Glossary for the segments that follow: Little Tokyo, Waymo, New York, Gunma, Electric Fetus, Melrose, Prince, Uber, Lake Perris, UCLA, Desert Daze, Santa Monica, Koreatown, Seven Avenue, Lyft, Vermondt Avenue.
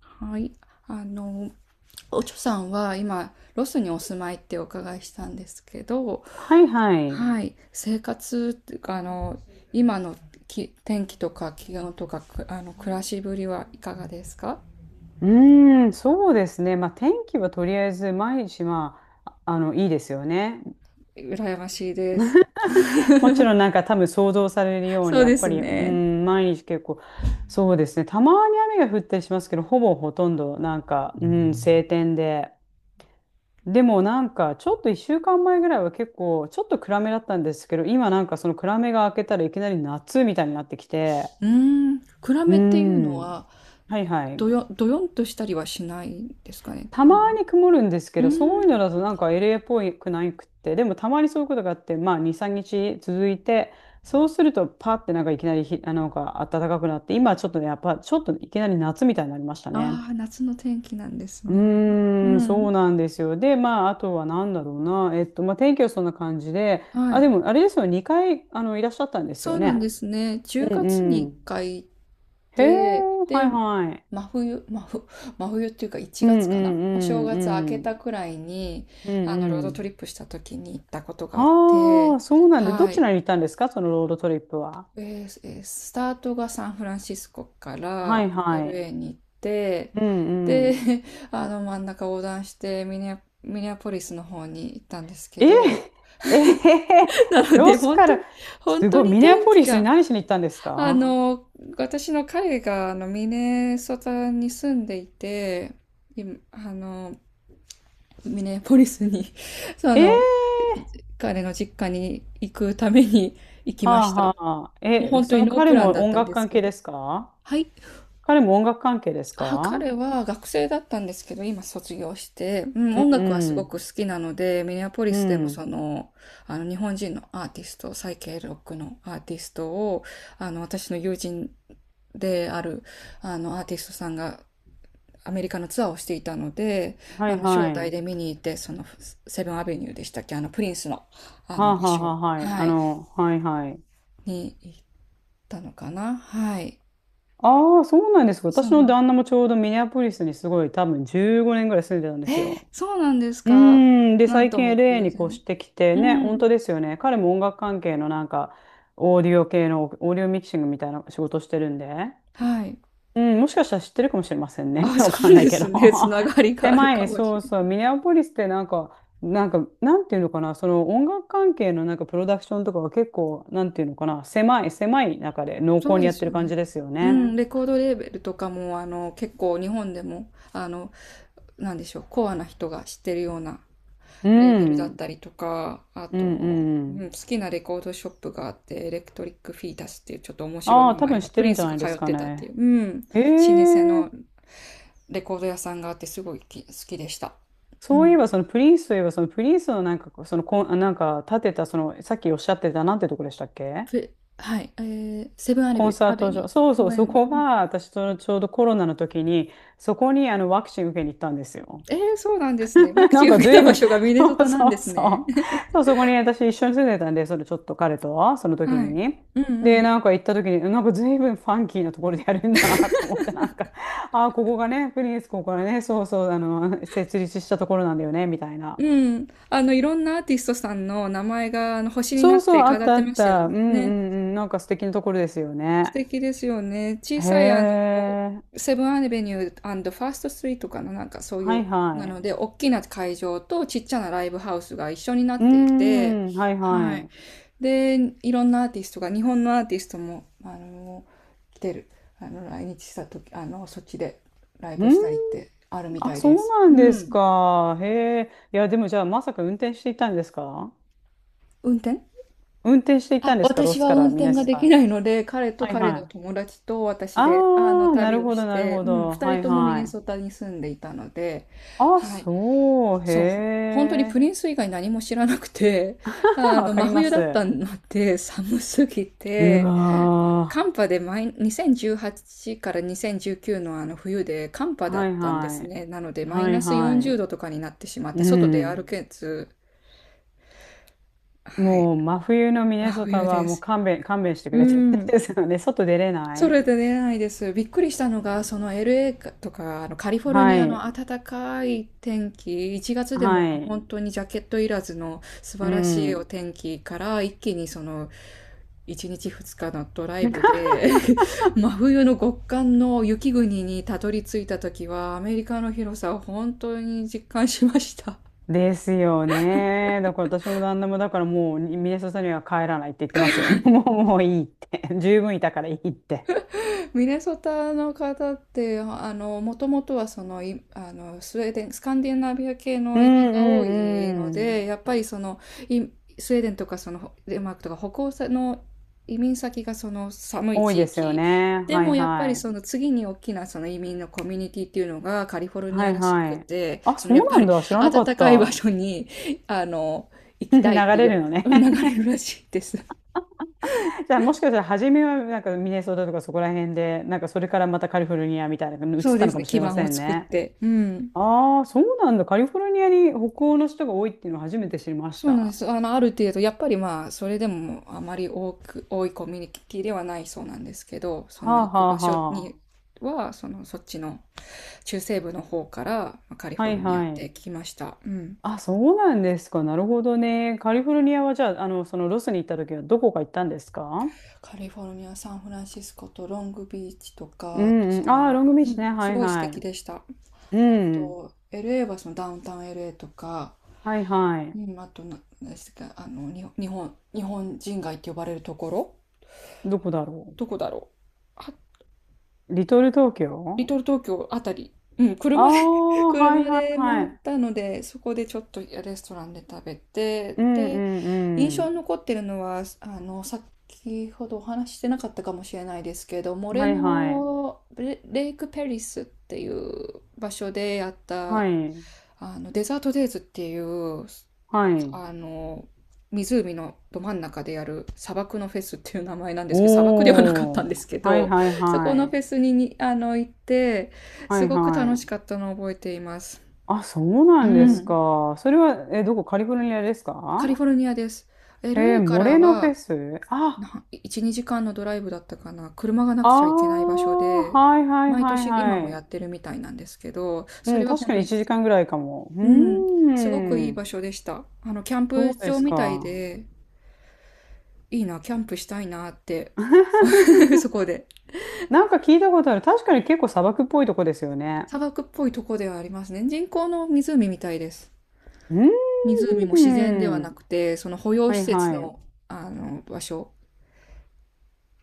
はい。あの、おちょさんは今、ロスにお住まいってお伺いしたんですけど、はいはい。はい。生活っていうか、今の天気とか気温とか、くあの、暮らしぶりはいかがですか？そうですね。まあ、天気はとりあえず毎日、いいですよね。羨ましいです。もちろんなんか多分想像されるようそに、うやっでぱすり、ね。毎日結構、そうですね。たまに雨が降ったりしますけど、ほぼほとんどなんか、うん、晴天で。でもなんか、ちょっと1週間前ぐらいは結構、ちょっと暗めだったんですけど、今なんかその暗めが明けたらいきなり夏みたいになってきて、うーん。暗うーめっていうのん、は、はいはい。どよんとしたりはしないですかね。た多分。まに曇るんですけうど、そうーいうん。のだとなんか LA っぽくないくって、でもたまにそういうことがあって、まあ2、3日続いて、そうするとパってなんかいきなりひ、あのなんか暖かくなって、今ちょっとね、やっぱちょっといきなり夏みたいになりましたね。ああ、夏の天気なんですね。うそん。うなんですよ。で、まあ、あとは何だろうな。まあ、天気はそんな感じで、はあ、でい。も、あれですよね、2回、あの、いらっしゃったんですそようなんね。ですね。う10ん月にうん。1回。へえ、で、はで、いはい。真冬、真冬っていうか1うん月うかな、お正んうん月明けうん。たくらいに、うんローうドトリん。ップした時に行ったことがあっあて、あ、そうなんで、どはちい。らにいたんですかそのロードトリップは。えスタートがサンフランシスコかはら いはい。LA に行って、うんうで、ん。真ん中横断してミネアポリスの方に行ったんですけえど、え えへへ なのロで、ス本か当に、ら、本す当ごい、にミネア天ポ気リスにが、何しに行ったんですあか？の、私の彼がミネソタに住んでいて、今、ミネポリスに その、ええ彼の実家に行くために 行きまはしあた。はあはあ。もうえ、本当そにのノー彼プランもだっ音たん楽です関け係ど。ですか？はい。彼も音楽関係ですあ、彼か？は学生だったんですけど、今卒業して、うん、うん音楽はすうごくん。好きなので、ミネアポリうスでもん。日本人のアーティスト、サイケイロックのアーティストを、私の友人である、アーティストさんがアメリカのツアーをしていたので、はい招は待い。で見に行って、セブンアベニューでしたっけ、プリンスの、はあ場はあは所、あはい。はあい、の、はいはい。に行ったのかな、はい。ああ、そうなんですか。そう私なのんで旦那す。もちょうどミネアポリスにすごい多分15年ぐらい住んでたんですよ。そうなんですか？で、なん最と近 も LA 偶に越然。してきてうね、本ん。当ですよね。彼も音楽関係のなんか、オーディオミキシングみたいな仕事してるんで、はい。うん、もしかしたら知ってるかもしれませんね。あ、わそかんうないでけすど。ね。つながり がある狭かい、もしそれうそう、ない。ミネアポリスってなんていうのかな、その音楽関係のなんかプロダクションとかは結構、なんていうのかな、狭い中で濃そ厚うにでやっすてよる感ね。じですようね。ん、レコードレーベルとかも、結構日本でも、なんでしょう、コアな人が知ってるようなうレーベルだっん、たりとか、あうん、と、ううん。ん、好きなレコードショップがあって、エレクトリック・フィータスっていうちょっと面白いああ、名多前分知の、ってプリるんンじゃスながいで通すっかてたっていね。う、うん、老へ舗え。のレコード屋さんがあってすごい好きでした。うそういえん。ば、そのプリンスといえば、そのプリンスのなんかこう、そのコン、あなんか建てた、その、さっきおっしゃってた、なんてとこでしたっけ？ふはい、セブンアレコビンュー、サーアベトニュ場。ー。そうごそう、めそん。こが、私とちょうどコロナの時に、そこにあのワクチン受けに行ったんですよ。えー、そうなんですね。ワ クなチんンか受けた随場分、所がミ ネそソタうなんそでうすそね。う。そう、そこに私一緒に住んでたんで、それちょっと彼と、その時はい。に。うで、んなんか行った時に、なんか随分ファンキーなところでやるんだなと思って、なんか、ああ、ここがね、プリンス、ここがね、そうそう、あの、設立したところなんだよね、みたいうな。ん。うん、いろんなアーティストさんの名前があの星になそうっそてう、あっ飾ったあてまっしたよた。うんうんね。うん。なんか素敵なところですよ素ね。敵ですよね。小へさいえ。セブンアベニューファーストストリートかな、なんかそういはう、いなはい。ので、大きな会場とちっちゃなライブハウスが一緒になうっーていて、ん、はいははい。い。で、いろんなアーティストが、日本のアーティストも、来てる、来日した時、そっちでライうーブん、したりってあるみあ、たいそでうす。なうんですん。か。へえ。いや、でもじゃあ、まさか運転していたんですか？運転運転していたあ、んですか？ロ私スはか運らミ転ネがソできタ。ないので、彼とはい彼はのい。友達と私で、ああ、旅をしなるて、ほうん、ど。二は人いともミはネソい。タに住んでいたので、あ、はい、そう、へそう、本当にプリえ。ンス以外何も知らなくて、わか真りま冬だっす。たので、寒すぎうて、わ寒波で2018から2019のあの冬で寒波ー。だっはいたんではすね。なので、い。マイはいナス40は度とかになってしまっい。うて、外で歩ん。けず、はい、もう真冬のミ真ネソタ冬はでもうす。勘弁してくうれてるんん。ですよね。外出れなそい。れで出ないです。びっくりしたのが、その LA かとか、あのカリフォルはニアのい。暖かい天気、1月でもはい。本当にジャケットいらずの素う晴らしいおん。天気から、一気にその1日2日のドライブ で 真冬の極寒の雪国にたどり着いた時は、アメリカの広さを本当に実感しました。ですよね。だから私も旦那もだからもうミネソタには帰らないって言ってますよ。帰もういいって。十分いたからいいって。ミネソタの方って、もともとはそのスウェーデン、スカンディナビア系うのん移民うが多いのんうん。で、やっぱりそのいスウェーデンとか、そのデンマークとか、北欧の移民先がその寒い多い地ですよ域ね。で、はいもやっぱはりい。その次に大きなその移民のコミュニティっていうのがカリフォルニはアいらしくはい。て、あ、そのそうやっなぱんりだ。知らな暖かっかい場た。所にあの行 き流たいってれるのね。流れるらしいです。じゃあもしかしたら初めはなんかミネソタとかそこら辺で、なんかそれからまたカリフォルニアみたいなのに移っそうたでのすかね、もし基れま盤をせん作っね。て。うん、ああ、そうなんだ。カリフォルニアに北欧の人が多いっていうのを初めて知りましそた。うなんではす。ある程度、やっぱりまあ、それでもあまり多く、多いコミュニティではないそうなんですけど、そあの行はくあ場所はには、そっちの中西部の方からカリあ。はフォルいニアっはてい。聞きました。うん。あ、そうなんですか。なるほどね。カリフォルニアはじゃあ、あの、そのロスに行った時はどこか行ったんですか？カリフォルニア、サンフランシスコとロングビーチとうか、あとんうん。ああ、ロングビーうチん、ね。すはいごい素は敵い。でした。あうん。と、LA はそのダウンタウン LA とか、はいはい。うん、あとな、何ですか、あの、に、日本、日本人街って呼ばれるところ、どこだろどこだろう。う。リトル東リ京。トル東京あたり、うん、あ車で あは車いはいでは回っい。たので、そこでちょっとレストランで食べて、うんうで、印んう象ん。に残ってるのは、先ほどお話ししてなかったかもしれないですけど、モレはいはい。ノレ、レイクペリスっていう場所でやっはた、い。デザートデイズっていう、はい。あの、湖のど真ん中でやる、砂漠のフェスっていう名前なんですけど、砂漠ではなかったんおでー。すけはいど、はい そこはのフい。ェスに、行って、はすいごく楽はしい。かったのを覚えています。あ、そううなんですん。か。それは、え、どこカリフォルニアですカリか？フォルニアです。へえ、LA かモらレノフェはス。あ、1、2時間のドライブだったかな。車がなあくちゃいけない場所あ、で、はいはい毎はい年今もはやい。ってるみたいなんですけど、うそん、れは確本か当にに、1時間ぐらいかも。ううん、ーすごくいいん。場所でした。キャンそプうで場すみたいか。で、いいな、キャンプしたいなって そこで。なんか聞いたことある。確かに結構砂漠っぽいとこですよね。砂漠っぽいとこではありますね。人工の湖みたいです。うー湖も自然ではなん。くて、その保養は施い設はい。の、場所。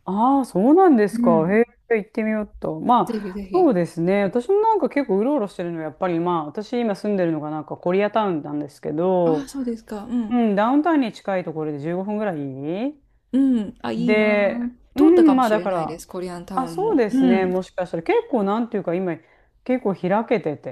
ああ、そうなんですうか。へん。え、行ってみようと。まぜひあ、ぜそうひ。ですね。私もなんか結構うろうろしてるのは、やっぱりまあ、私今住んでるのがなんかコリアタウンなんですけああ、ど、そうですか。ううん。ん、ダウンタウンに近いところで15分ぐらいうん。あ、いいなで、あ。う通ったかん、もまあしだれかないでら、す。コリアンタあ、ウンそうも。ですうね。ん。もしかしたら結構なんていうか今、結構開けてて、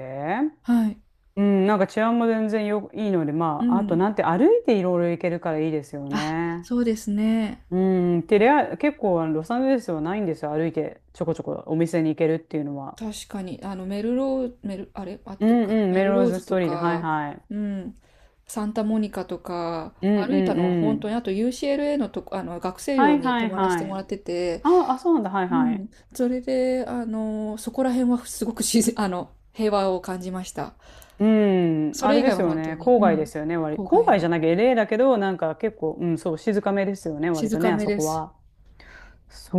はい。うん、なんか治安も全然よ、いいので、うまあ、あとん。なんて歩いていろいろ行けるからいいですよあ、ね。そうですね。うん、テレア、結構あのロサンゼルスはないんですよ。歩いてちょこちょこお店に行けるっていうのは。確かに、あの、メルロー、メル、あれ合っうてるんかな。うん、メメルローローズズストとーリーで、はいか、はい。うん、サンタモニカとか、うんう歩いたんのはう本当ん。に、あと UCLA のとこ、学生は寮いには泊いまらせはてもい。らってて、あ、そうなんだ、はいうはん、い。それで、そこら辺はすごく自然、平和を感じました。うん、そあれれ以で外すはよ本当ね、に、郊う外でん、すよね、割り。郊郊外外じの、ゃなきゃ LA だけど、なんか結構、うん、そう、静かめですよね、割静とね、かあめそでこす。は。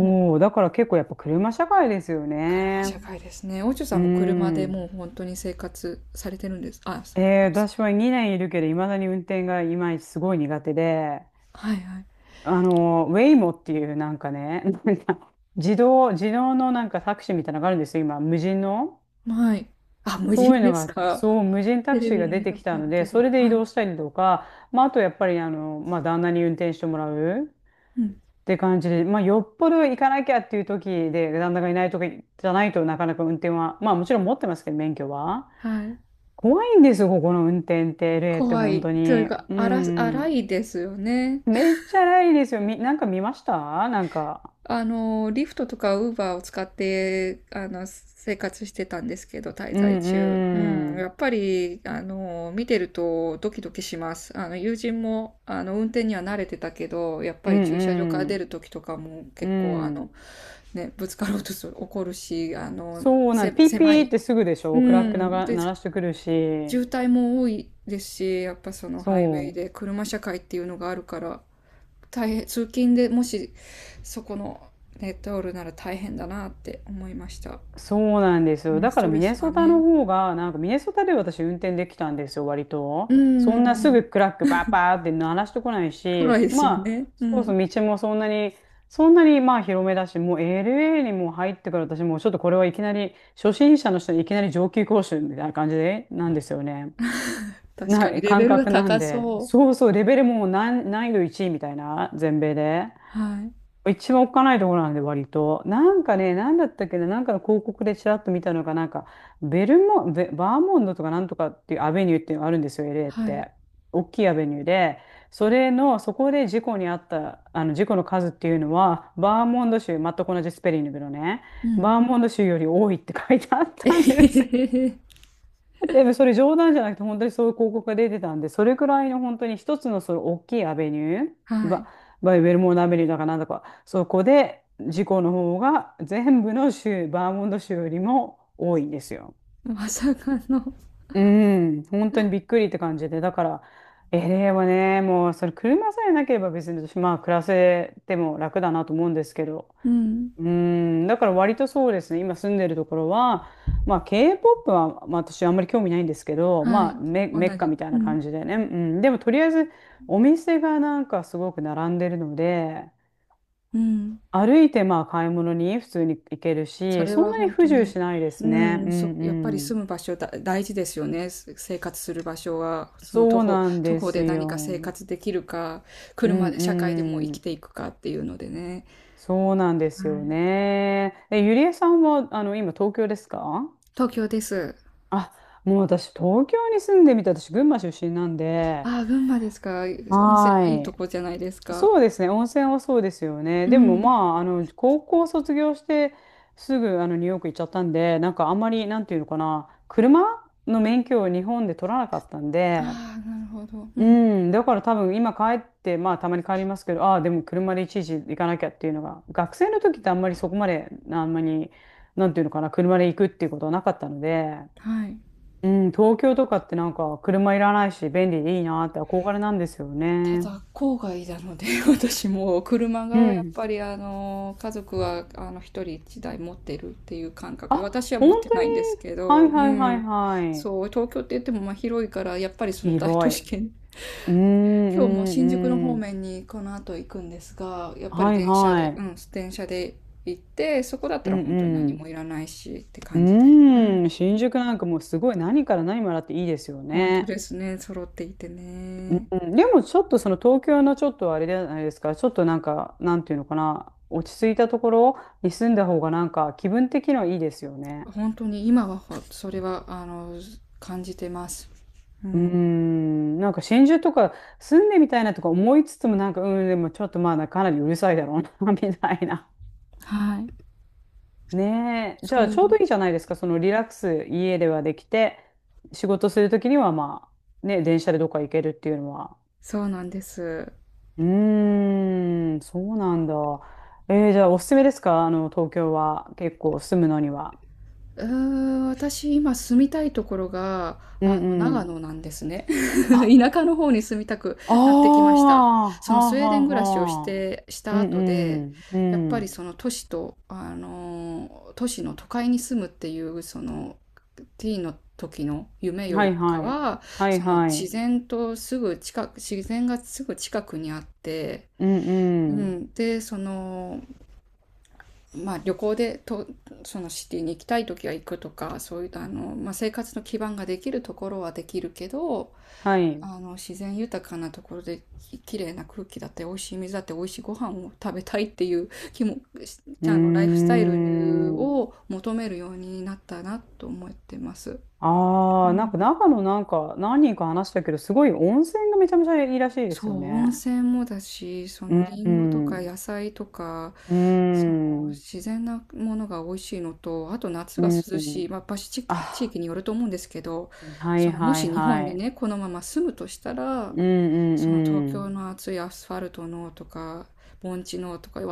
もう、う、だから結構やっぱ車社会ですよからね。社会ですね。オチョさうんも車でん。もう本当に生活されてるんですあ、あえーの私は2年いるけど、いまだに運転がいまいちすごい苦手で、はいはい。あの、ウェイモっていうなんかね、なんか自動のなんかタクシーみたいなのがあるんですよ、今、無人の。はい。あ、無人そういうのですが、か。そう、無人タテクレシービがで出見てたこきとたあのるで、けそど。れで移はい。動したりとか、まあ、あとやっぱり、あの、まあ、旦那に運転してもらうっうん。て感じで、まあ、よっぽど行かなきゃっていう時で、旦那がいない時じゃないとなかなか運転は、まあ、もちろん持ってますけど、免許は。はい。怖いんですよ、ここの運転って、LA って怖本い。当というに。か、う荒荒ん。いですよね。めっちゃないですよ。み、なんか見ましたなんか。リフトとかウーバーを使って、生活してたんですけど、滞う在中。んううん。ん。やっぱり、見てるとドキドキします。友人も、運転には慣れてたけど、やっうぱり駐車場からん出るときとかもうん。う結構、ん。ね、ぶつかろうとする、怒るし、そうなん、ピーピ狭ーい。ってすぐでしうょ。クラックなん。が、で、鳴らしてくるし。渋滞も多いですし、やっぱそのハイウェそイでう。車社会っていうのがあるから、大変、通勤でもしそこのネットおるなら大変だなって思いました。そうなんですよ。うん、だスからトミレネスソがタのね。方が、なんかミネソタで私運転できたんですよ、割うと。そんんうんなうすん。ぐクラックバーバーって鳴らしてこないし、辛いひですよまあ、ね。うそうん。そう、道もそんなにまあ広めだし、もう LA にもう入ってから私もうちょっとこれはいきなり、初心者の人にいきなり上級講習みたいな感じで、なんですよね。確かなにいレ感ベルが覚なん高で、そそう。うそう、レベルも難易度1位みたいな、全米で。はい。一番おっかないところなんで、割と。なんかね、なんだったっけな、なんかの広告でちらっと見たのが、ベルモ、ベ、バーモンドとかなんとかっていうアベニューっていうのがあるんですよ、LA っはい。て。大きいアベニューで、それの、そこで事故にあった、事故の数っていうのは、バーモンド州、全く同じスペリングのね、うん。バーモンド州より多いって書いてあっ えたんへへです。へへ。でもそれ冗談じゃなくて本当にそういう広告が出てたんで、それくらいの本当に一つのその大きいアベニュー、はい。バイウェルモードアベニューだかなんだか、そこで事故の方が全部の州、バーモント州よりも多いんですよ。まさかの。うん、本当にびっくりって感じで、だから、エ a はね、もうそれ車さえなければ別に私、まあ暮らせても楽だなと思うんですけど、うん。だから割とそうですね、今住んでるところは、まあ K-POP は、まあ、私あんまり興味ないんですけど、はい。まあ同メッカじ。みたいうなん。感じでね、うん、でもとりあえずお店がなんかすごく並んでるので、うん。歩いてまあ買い物に普通に行けるそし、れそんはなに本不当自由に、しないでうすね。うん、んやっぱりう住ん。む場所だ、大事ですよね。生活する場所は、そうなん徒で歩すで何か生よ。活できるか、うん車で社会でもう生うきん。ていくかっていうのでね。そうなんはですよい。ね。ゆりえさんは今東京ですか？東京です。あ、もう私、東京に住んでみた。私、群馬出身なんで、ああ、群馬ですか。温泉のいいとはこい。じゃないですか。そうですね、温泉はそうですよね。うでも、ん。まあ、高校卒業して、すぐ、ニューヨーク行っちゃったんで、なんか、あんまり、なんていうのかな、車の免許を日本で取らなかったんで、ああ、なるほど。ううん。ん、だから多分、今帰って、まあ、たまに帰りますけど、ああ、でも、車でいちいち行かなきゃっていうのが、学生の時ってあんまりそこまで、あんまり、なんていうのかな、車で行くっていうことはなかったので、はい。うん、東京とかってなんか車いらないし便利でいいなって憧れなんですよたね。だ郊外なので 私も車うがやっん。ぱり家族は一人一台持ってるっていう感覚で、私あ、は本持って当ないんですに、けはど、いうはいはいん、はい。そう、東京って言ってもまあ広いから、やっぱりその大都広い。市圏、うんう今日もん新宿のう方ん。面にこの後行くんですが、やっぱりはい電車はで、うい。ん、電車で行って、そこだったうらん本当にう何ん。もいらないしって感じで、うん、うん、新宿なんかもうすごい何から何まであっていいですよ本当ね。ですね、揃っていてね。うん。でもちょっとその東京のちょっとあれじゃないですか、ちょっとなんか、なんていうのかな、落ち着いたところに住んだ方がなんか気分的にはいいですよね。本当に今はそれは感じてます。ううーん。ん、なんか真珠とか住んでみたいなとか思いつつもなんか、うん、でもちょっとまあかなりうるさいだろうな みたいな。はい。ねえ。じそゃあちょうどう。いいじゃないですか。そのリラックス家ではできて、仕事するときにはまあ、ね、電車でどっか行けるっていうのは。そうなんです。うーん、そうなんだ。じゃあおすすめですか東京は結構住むのには？うーん、私今住みたいところが、うんう長ん。野なんですね。あ、田舎の方に住みたくああ、なってきました。はそあのスウェーはデン暮らしをしあはあ。て、しうたん後で、うん、うやっぱりん。その都市の都会に住むっていう、ティーの時の夢よはりいかはい。は、はいそのはい。自然がすぐ近くにあって、うんううん。ん、で、まあ、旅行でとそのシティに行きたい時は行くとかそういうまあ、生活の基盤ができるところはできるけど、はい。う自然豊かなところで綺麗な空気だって美味しい水だって美味しいご飯を食べたいっていう気も、ーライフスタイルん。を求めるようになったなと思ってます。あうあ、なんかん、長野なんか何人か話したけど、すごい温泉がめちゃめちゃいいらしいでそすよう、温ね。泉もだし、そうのんリうンゴとん。かう野菜とか、ん。その自然なものが美味しいのと、あと夏うがん涼うしん。い、まあ、地域、地あ、域によると思うんですけど、はそいのもはいし日本はにい。ね、このまま住むとしたうら、んうその東んう京ん。の暑いアスファルトのとか、盆地のとか、